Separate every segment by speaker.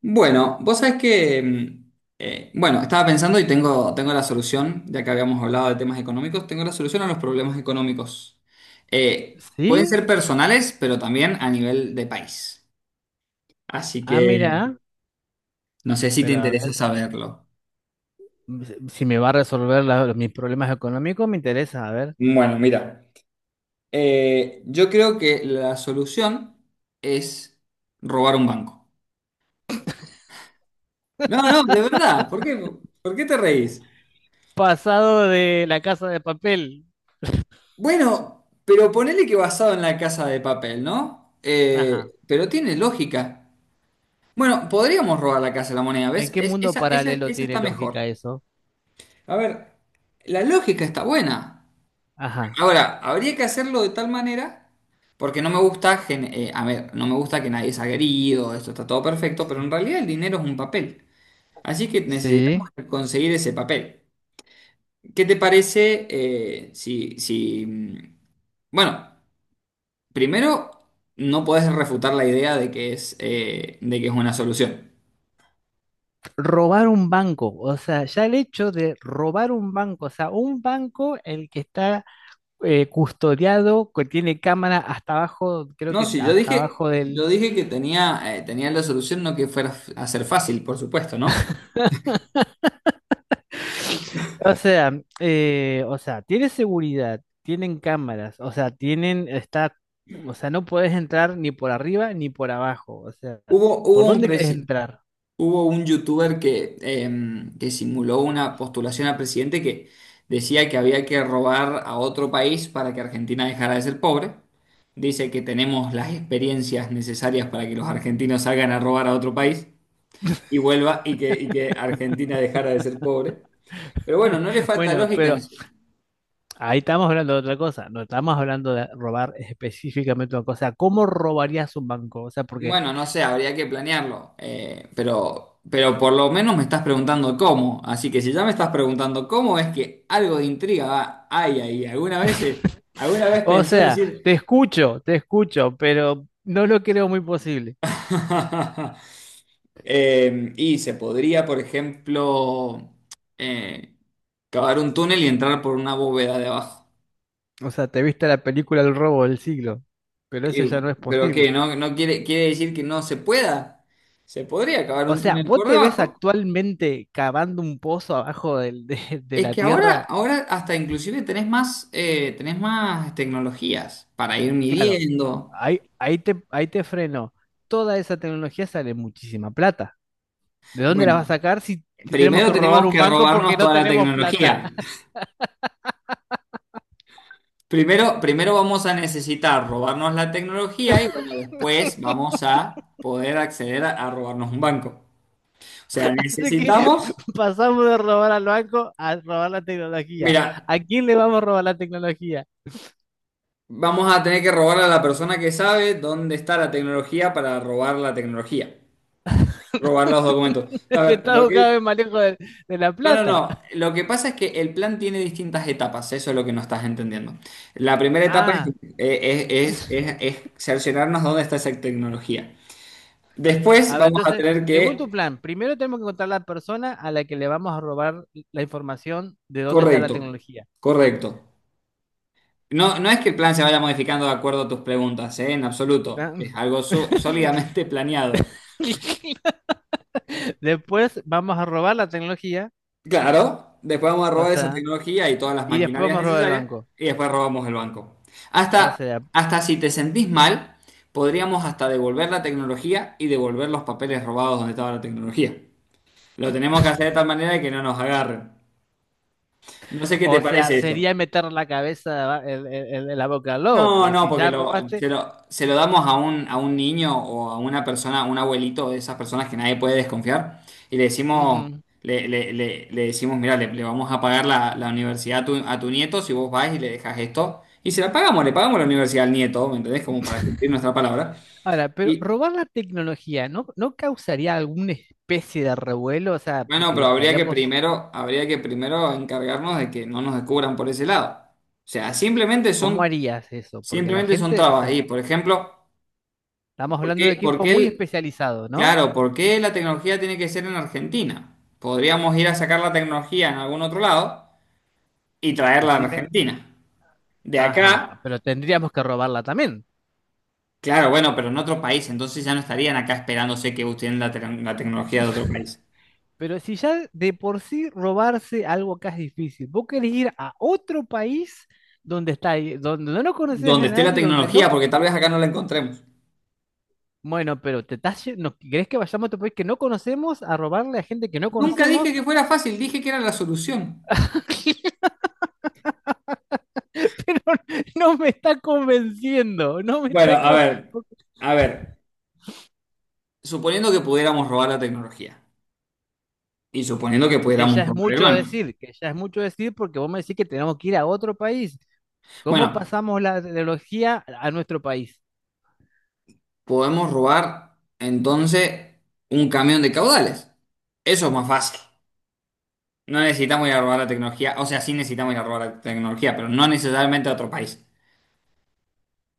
Speaker 1: Bueno, vos sabés que, bueno, estaba pensando y tengo la solución, ya que habíamos hablado de temas económicos, tengo la solución a los problemas económicos. Pueden
Speaker 2: Sí,
Speaker 1: ser personales, pero también a nivel de país. Así
Speaker 2: ah,
Speaker 1: que
Speaker 2: mira,
Speaker 1: no sé si te
Speaker 2: pero a
Speaker 1: interesa
Speaker 2: ver,
Speaker 1: saberlo.
Speaker 2: si me va a resolver mis problemas económicos, me interesa, a ver.
Speaker 1: Bueno, mira, yo creo que la solución es robar un banco. No, no, de verdad, ¿por qué te reís?
Speaker 2: Pasado de la casa de papel.
Speaker 1: Bueno, pero ponele que basado en la casa de papel, ¿no?
Speaker 2: Ajá.
Speaker 1: Pero tiene lógica. Bueno, podríamos robar la casa de la moneda,
Speaker 2: ¿En
Speaker 1: ¿ves?
Speaker 2: qué mundo paralelo
Speaker 1: Esa
Speaker 2: tiene
Speaker 1: está
Speaker 2: lógica
Speaker 1: mejor.
Speaker 2: eso?
Speaker 1: A ver, la lógica está buena.
Speaker 2: Ajá.
Speaker 1: Ahora, habría que hacerlo de tal manera, porque no me gusta, gen- a ver, no me gusta que nadie sea agredido, esto está todo perfecto, pero en realidad el dinero es un papel. Así que necesitamos
Speaker 2: Sí.
Speaker 1: conseguir ese papel. ¿Qué te parece bueno? Primero, no puedes refutar la idea de de que es una solución.
Speaker 2: Robar un banco. O sea, ya el hecho de robar un banco, o sea, un banco el que está custodiado, que tiene cámara hasta abajo, creo
Speaker 1: No,
Speaker 2: que
Speaker 1: sí,
Speaker 2: hasta abajo
Speaker 1: yo
Speaker 2: del.
Speaker 1: dije que tenía la solución, no que fuera f- a ser fácil, por supuesto, ¿no?
Speaker 2: O sea, o sea, tiene seguridad, tienen cámaras, o sea, tienen, está, o sea, no puedes entrar ni por arriba ni por abajo, o sea,
Speaker 1: Hubo, hubo
Speaker 2: ¿por
Speaker 1: un,
Speaker 2: dónde quieres
Speaker 1: presi-
Speaker 2: entrar?
Speaker 1: hubo un youtuber que, que simuló una postulación a presidente que decía que había que robar a otro país para que Argentina dejara de ser pobre. Dice que tenemos las experiencias necesarias para que los argentinos salgan a robar a otro país, y vuelva y que Argentina dejara de ser pobre. Pero bueno, no le falta
Speaker 2: Bueno,
Speaker 1: lógica.
Speaker 2: pero
Speaker 1: En-
Speaker 2: ahí estamos hablando de otra cosa, no estamos hablando de robar específicamente una cosa. ¿Cómo robarías un banco? O sea, porque,
Speaker 1: bueno, no sé, habría que planearlo. Pero por lo menos me estás preguntando cómo. Así que si ya me estás preguntando cómo, es que algo de hay ahí. ¿Alguna alguna vez
Speaker 2: o
Speaker 1: pensó
Speaker 2: sea,
Speaker 1: decir...
Speaker 2: te escucho, pero no lo creo muy posible.
Speaker 1: Y se podría, por ejemplo, eh, cavar un túnel y entrar por una bóveda de abajo.
Speaker 2: O sea, te viste la película El robo del siglo, pero eso
Speaker 1: Eh,
Speaker 2: ya no es
Speaker 1: pero qué,
Speaker 2: posible.
Speaker 1: no, no quiere, quiere decir que no se pueda. Se podría acabar
Speaker 2: O
Speaker 1: un
Speaker 2: sea,
Speaker 1: túnel
Speaker 2: ¿vos
Speaker 1: por
Speaker 2: te ves
Speaker 1: debajo.
Speaker 2: actualmente cavando un pozo abajo de
Speaker 1: Es
Speaker 2: la
Speaker 1: que
Speaker 2: tierra?
Speaker 1: ahora hasta inclusive tenés más tecnologías para ir
Speaker 2: Claro,
Speaker 1: midiendo.
Speaker 2: ahí te freno. Toda esa tecnología sale muchísima plata. ¿De dónde la
Speaker 1: Bueno,
Speaker 2: vas a sacar si, tenemos
Speaker 1: primero
Speaker 2: que robar
Speaker 1: tenemos
Speaker 2: un
Speaker 1: que
Speaker 2: banco
Speaker 1: robarnos
Speaker 2: porque no
Speaker 1: toda la
Speaker 2: tenemos plata?
Speaker 1: tecnología. Primero vamos a necesitar robarnos la tecnología y bueno, después vamos a poder acceder a robarnos un banco. O sea,
Speaker 2: Así que
Speaker 1: necesitamos,
Speaker 2: pasamos de robar al banco a robar la tecnología.
Speaker 1: mira,
Speaker 2: ¿A quién le vamos a robar la tecnología?
Speaker 1: vamos a tener que robarle a la persona que sabe dónde está la tecnología para robar la tecnología. Robar los documentos. A ver, lo
Speaker 2: Estamos cada
Speaker 1: que...
Speaker 2: vez más lejos de la
Speaker 1: No, no,
Speaker 2: plata.
Speaker 1: no. Lo que pasa es que el plan tiene distintas etapas. Eso es lo que no estás entendiendo. La primera etapa
Speaker 2: Ah.
Speaker 1: eh, es cerciorarnos dónde está esa tecnología. Después
Speaker 2: A ver,
Speaker 1: vamos a
Speaker 2: entonces,
Speaker 1: tener
Speaker 2: según tu
Speaker 1: que...
Speaker 2: plan, primero tenemos que encontrar la persona a la que le vamos a robar la información de dónde está la
Speaker 1: Correcto.
Speaker 2: tecnología.
Speaker 1: Correcto. No, no es que el plan se vaya modificando de acuerdo a tus preguntas, ¿eh? En absoluto.
Speaker 2: ¿Ah?
Speaker 1: Es algo su- sólidamente planeado.
Speaker 2: Después vamos a robar la tecnología,
Speaker 1: Claro, después vamos a
Speaker 2: o
Speaker 1: robar esa
Speaker 2: sea,
Speaker 1: tecnología y todas las
Speaker 2: y después
Speaker 1: maquinarias
Speaker 2: vamos a robar el
Speaker 1: necesarias
Speaker 2: banco.
Speaker 1: y después robamos el banco.
Speaker 2: O
Speaker 1: Hasta,
Speaker 2: sea,
Speaker 1: hasta si te sentís mal, podríamos hasta devolver la tecnología y devolver los papeles robados donde estaba la tecnología. Lo tenemos que hacer de tal manera de que no nos agarren. No sé qué te
Speaker 2: o sea,
Speaker 1: parece eso.
Speaker 2: sería meter la cabeza en la boca al lobo,
Speaker 1: No,
Speaker 2: pues
Speaker 1: no,
Speaker 2: si
Speaker 1: porque
Speaker 2: ya robaste.
Speaker 1: se lo damos a a un niño o a una persona, a un abuelito de esas personas que nadie puede desconfiar, y le decimos,
Speaker 2: Ujú.
Speaker 1: le decimos, mira, le vamos a pagar la universidad a a tu nieto si vos vas y le dejas esto, y se la pagamos, le pagamos la universidad al nieto, ¿me entendés? Como para cumplir nuestra palabra.
Speaker 2: Ahora, pero
Speaker 1: Y
Speaker 2: robar la tecnología, ¿no, no causaría alguna especie de revuelo? O sea,
Speaker 1: bueno,
Speaker 2: porque
Speaker 1: pero
Speaker 2: estaríamos,
Speaker 1: habría que primero encargarnos de que no nos descubran por ese lado. O sea,
Speaker 2: ¿cómo harías eso? Porque la
Speaker 1: simplemente son
Speaker 2: gente, o
Speaker 1: trabas ahí.
Speaker 2: sea...
Speaker 1: Por ejemplo,
Speaker 2: Estamos hablando de
Speaker 1: ¿por
Speaker 2: equipo
Speaker 1: qué
Speaker 2: muy
Speaker 1: el-
Speaker 2: especializado, ¿no?
Speaker 1: claro, ¿por qué la tecnología tiene que ser en Argentina? Podríamos ir a sacar la tecnología en algún otro lado y traerla a
Speaker 2: Decime,
Speaker 1: Argentina. De
Speaker 2: ajá,
Speaker 1: acá,
Speaker 2: pero tendríamos que robarla también.
Speaker 1: claro, bueno, pero en otro país, entonces ya no estarían acá esperándose que usen la tecnología de otro país.
Speaker 2: Pero si ya de por sí robarse algo acá es difícil, vos querés ir a otro país donde está, donde no conoces a
Speaker 1: Donde esté la
Speaker 2: nadie, donde
Speaker 1: tecnología,
Speaker 2: no,
Speaker 1: porque tal vez acá no la encontremos.
Speaker 2: bueno, pero te estás, no, ¿querés que vayamos a otro país que no conocemos a robarle a gente que no
Speaker 1: Nunca dije
Speaker 2: conocemos?
Speaker 1: que fuera fácil, dije que era la solución.
Speaker 2: Pero no me está convenciendo, no me
Speaker 1: Bueno,
Speaker 2: está
Speaker 1: a ver, suponiendo que pudiéramos robar la tecnología y suponiendo que
Speaker 2: que ya
Speaker 1: pudiéramos
Speaker 2: es
Speaker 1: robar el
Speaker 2: mucho
Speaker 1: banco.
Speaker 2: decir, que ya es mucho decir porque vos me decís que tenemos que ir a otro país. ¿Cómo
Speaker 1: Bueno,
Speaker 2: pasamos la tecnología a nuestro país?
Speaker 1: podemos robar entonces un camión de caudales. Eso es más fácil. No necesitamos ir a robar la tecnología, o sea, sí necesitamos ir a robar la tecnología, pero no necesariamente a otro país.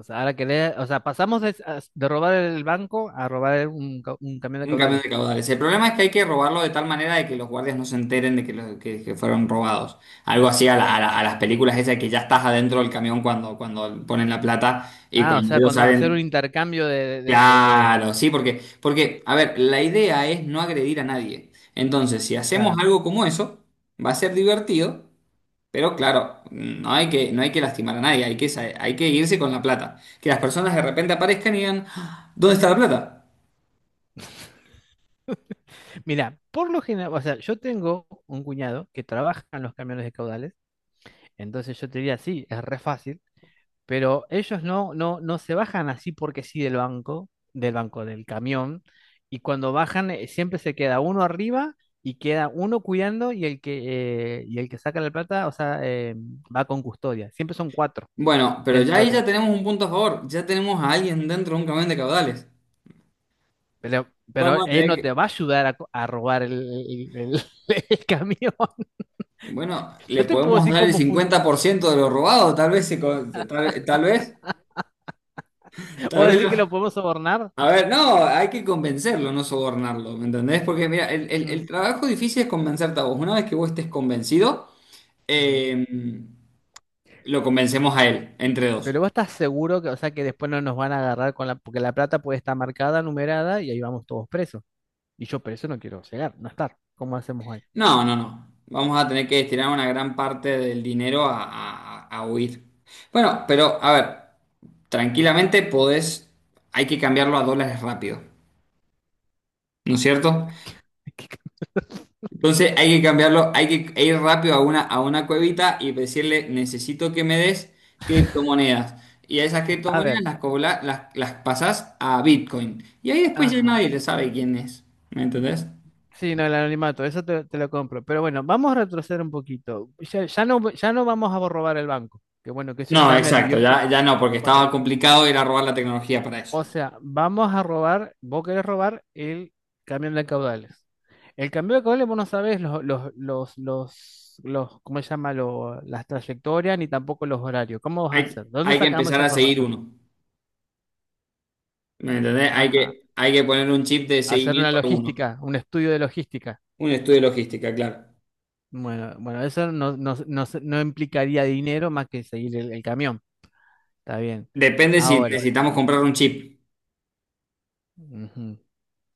Speaker 2: O sea, ahora que o sea, pasamos de, de robar el banco a robar un, un camión de
Speaker 1: Un camión
Speaker 2: caudales.
Speaker 1: de caudales. El problema es que hay que robarlo de tal manera de que los guardias no se enteren de que fueron robados. Algo así a las películas esas que ya estás adentro del camión cuando ponen la plata y
Speaker 2: Ah, o
Speaker 1: cuando
Speaker 2: sea,
Speaker 1: ellos
Speaker 2: cuando hacer un
Speaker 1: salen.
Speaker 2: intercambio de,
Speaker 1: Porque, a ver, la idea es no agredir a nadie. Entonces, si hacemos
Speaker 2: claro.
Speaker 1: algo como eso, va a ser divertido, pero claro, no hay que lastimar a nadie, hay que irse con la plata. Que las personas de repente aparezcan y digan, "Ah, ¿dónde está la plata?"
Speaker 2: Mira, por lo general, o sea, yo tengo un cuñado que trabaja en los camiones de caudales, entonces yo te diría, sí, es re fácil. Pero ellos no se bajan así porque sí del banco, del camión, y cuando bajan siempre se queda uno arriba y queda uno cuidando y el que, el que saca la plata, o sea, va con custodia. Siempre son cuatro
Speaker 1: Bueno, pero ya
Speaker 2: dentro
Speaker 1: ahí ya
Speaker 2: del...
Speaker 1: tenemos un punto a favor, ya tenemos a alguien dentro de un camión de caudales. Vamos
Speaker 2: Pero
Speaker 1: a
Speaker 2: él
Speaker 1: tener
Speaker 2: no te
Speaker 1: que,
Speaker 2: va a ayudar a, a robar el- el- el camión.
Speaker 1: bueno, le
Speaker 2: Yo te puedo
Speaker 1: podemos
Speaker 2: decir
Speaker 1: dar el
Speaker 2: cómo funciona.
Speaker 1: 50% de lo robado, tal vez,
Speaker 2: ¿Vos
Speaker 1: tal vez,
Speaker 2: decís
Speaker 1: lo-
Speaker 2: que lo podemos sobornar?
Speaker 1: a ver, no, hay que convencerlo, no sobornarlo, ¿me entendés? Porque mira,
Speaker 2: Ujú,
Speaker 1: el trabajo difícil es convencerte a vos. Una vez que vos estés convencido,
Speaker 2: ujú.
Speaker 1: eh, lo convencemos a él, entre dos.
Speaker 2: Pero vos estás seguro que, o sea, que después no nos van a agarrar con la, porque la plata puede estar marcada, numerada, y ahí vamos todos presos. Y yo preso no quiero llegar, no estar. ¿Cómo hacemos ahí?
Speaker 1: No, no, no. Vamos a tener que destinar una gran parte del dinero a huir. Bueno, pero a ver, tranquilamente podés, hay que cambiarlo a dólares rápido, ¿no es cierto? Entonces hay que cambiarlo, hay que ir rápido a a una cuevita y decirle, necesito que me des criptomonedas. Y a esas
Speaker 2: A
Speaker 1: criptomonedas
Speaker 2: ver,
Speaker 1: las pasás a Bitcoin. Y ahí después ya
Speaker 2: ajá.
Speaker 1: nadie le sabe quién es. ¿Me entendés?
Speaker 2: Sí, no, el anonimato, eso te, te lo compro. Pero bueno, vamos a retroceder un poquito. Ya no, ya no vamos a robar el banco. Que bueno, que eso
Speaker 1: No,
Speaker 2: ya me
Speaker 1: exacto,
Speaker 2: alivió porque,
Speaker 1: ya no, porque
Speaker 2: bueno.
Speaker 1: estaba complicado ir a robar la tecnología para eso.
Speaker 2: O sea, vamos a robar, vos querés robar el camión de caudales. El camión de caudales vos no sabés ¿cómo se llama? Las trayectorias ni tampoco los horarios. ¿Cómo vas a hacer? ¿De dónde
Speaker 1: Hay que
Speaker 2: sacamos
Speaker 1: empezar
Speaker 2: esa
Speaker 1: a seguir
Speaker 2: información?
Speaker 1: uno. ¿Me entendés?
Speaker 2: Ajá.
Speaker 1: Hay que poner un chip de
Speaker 2: Hacer una
Speaker 1: seguimiento a uno.
Speaker 2: logística, un estudio de logística.
Speaker 1: Un estudio de logística, claro.
Speaker 2: Bueno, bueno, eso no implicaría dinero más que seguir el camión. Está bien.
Speaker 1: Depende si
Speaker 2: Ahora.
Speaker 1: necesitamos comprar un chip.
Speaker 2: Ujú.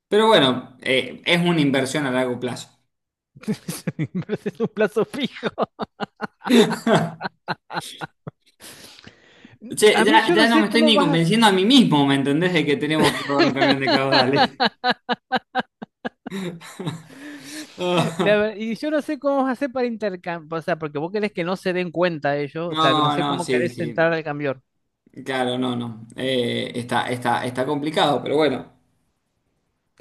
Speaker 1: Pero bueno, es una inversión a largo plazo.
Speaker 2: Me parece un plazo fijo.
Speaker 1: Che,
Speaker 2: A mí yo
Speaker 1: ya
Speaker 2: no
Speaker 1: no me
Speaker 2: sé
Speaker 1: estoy
Speaker 2: cómo
Speaker 1: ni
Speaker 2: vas.
Speaker 1: convenciendo a mí mismo, ¿me entendés? De que tenemos que pagar un camión de caudales.
Speaker 2: La
Speaker 1: Ah,
Speaker 2: ver- y yo no sé cómo vas a hacer para intercambiar, o sea, porque vos querés que no se den cuenta ellos, o sea, que no
Speaker 1: no,
Speaker 2: sé
Speaker 1: no,
Speaker 2: cómo
Speaker 1: sí,
Speaker 2: querés
Speaker 1: sí.
Speaker 2: entrar al cambiar.
Speaker 1: Claro, no, no. Está está complicado, pero bueno.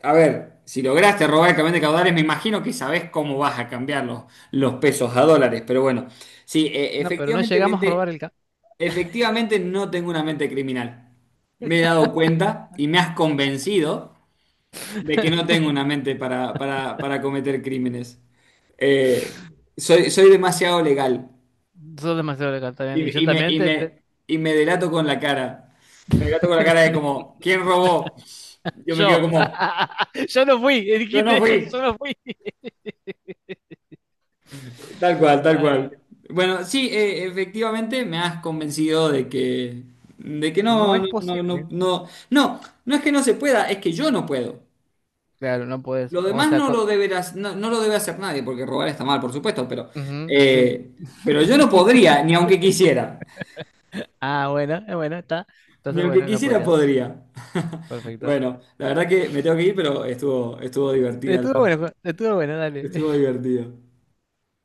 Speaker 1: A ver, si lograste robar el camión de caudales, me imagino que sabés cómo vas a cambiar los pesos a dólares, pero bueno. Sí,
Speaker 2: No, pero no llegamos a robar el camión.
Speaker 1: efectivamente no tengo una mente criminal. Me he dado cuenta y me has convencido de que no tengo una mente para cometer crímenes. Eh, soy demasiado legal
Speaker 2: Sos demasiado legal también. Y yo también
Speaker 1: y me delato con la cara. Me delato con la cara de como, ¿quién robó? Yo me quedo
Speaker 2: Yo.
Speaker 1: como,
Speaker 2: Yo no fui.
Speaker 1: yo no
Speaker 2: Dijiste,
Speaker 1: fui.
Speaker 2: yo no fui.
Speaker 1: Tal cual, tal
Speaker 2: Ay,
Speaker 1: cual. Bueno, sí, efectivamente me has convencido de que, de que
Speaker 2: no
Speaker 1: no, no,
Speaker 2: es
Speaker 1: no, no,
Speaker 2: posible.
Speaker 1: no, no, no es que no se pueda, es que yo no puedo.
Speaker 2: Claro, no puedes.
Speaker 1: Lo
Speaker 2: O
Speaker 1: demás
Speaker 2: sea,
Speaker 1: no lo deberás, no, no lo debe hacer nadie, porque robar está mal, por supuesto,
Speaker 2: ujú, sí.
Speaker 1: eh, pero yo no podría, ni aunque quisiera.
Speaker 2: Ah, bueno, está.
Speaker 1: Ni
Speaker 2: Entonces,
Speaker 1: aunque
Speaker 2: bueno, no
Speaker 1: quisiera
Speaker 2: podrías.
Speaker 1: podría.
Speaker 2: Perfecto.
Speaker 1: Bueno, la verdad que me tengo que ir, pero estuvo divertida la-
Speaker 2: Estuvo bueno, Juan, estuvo bueno, dale.
Speaker 1: estuvo divertido.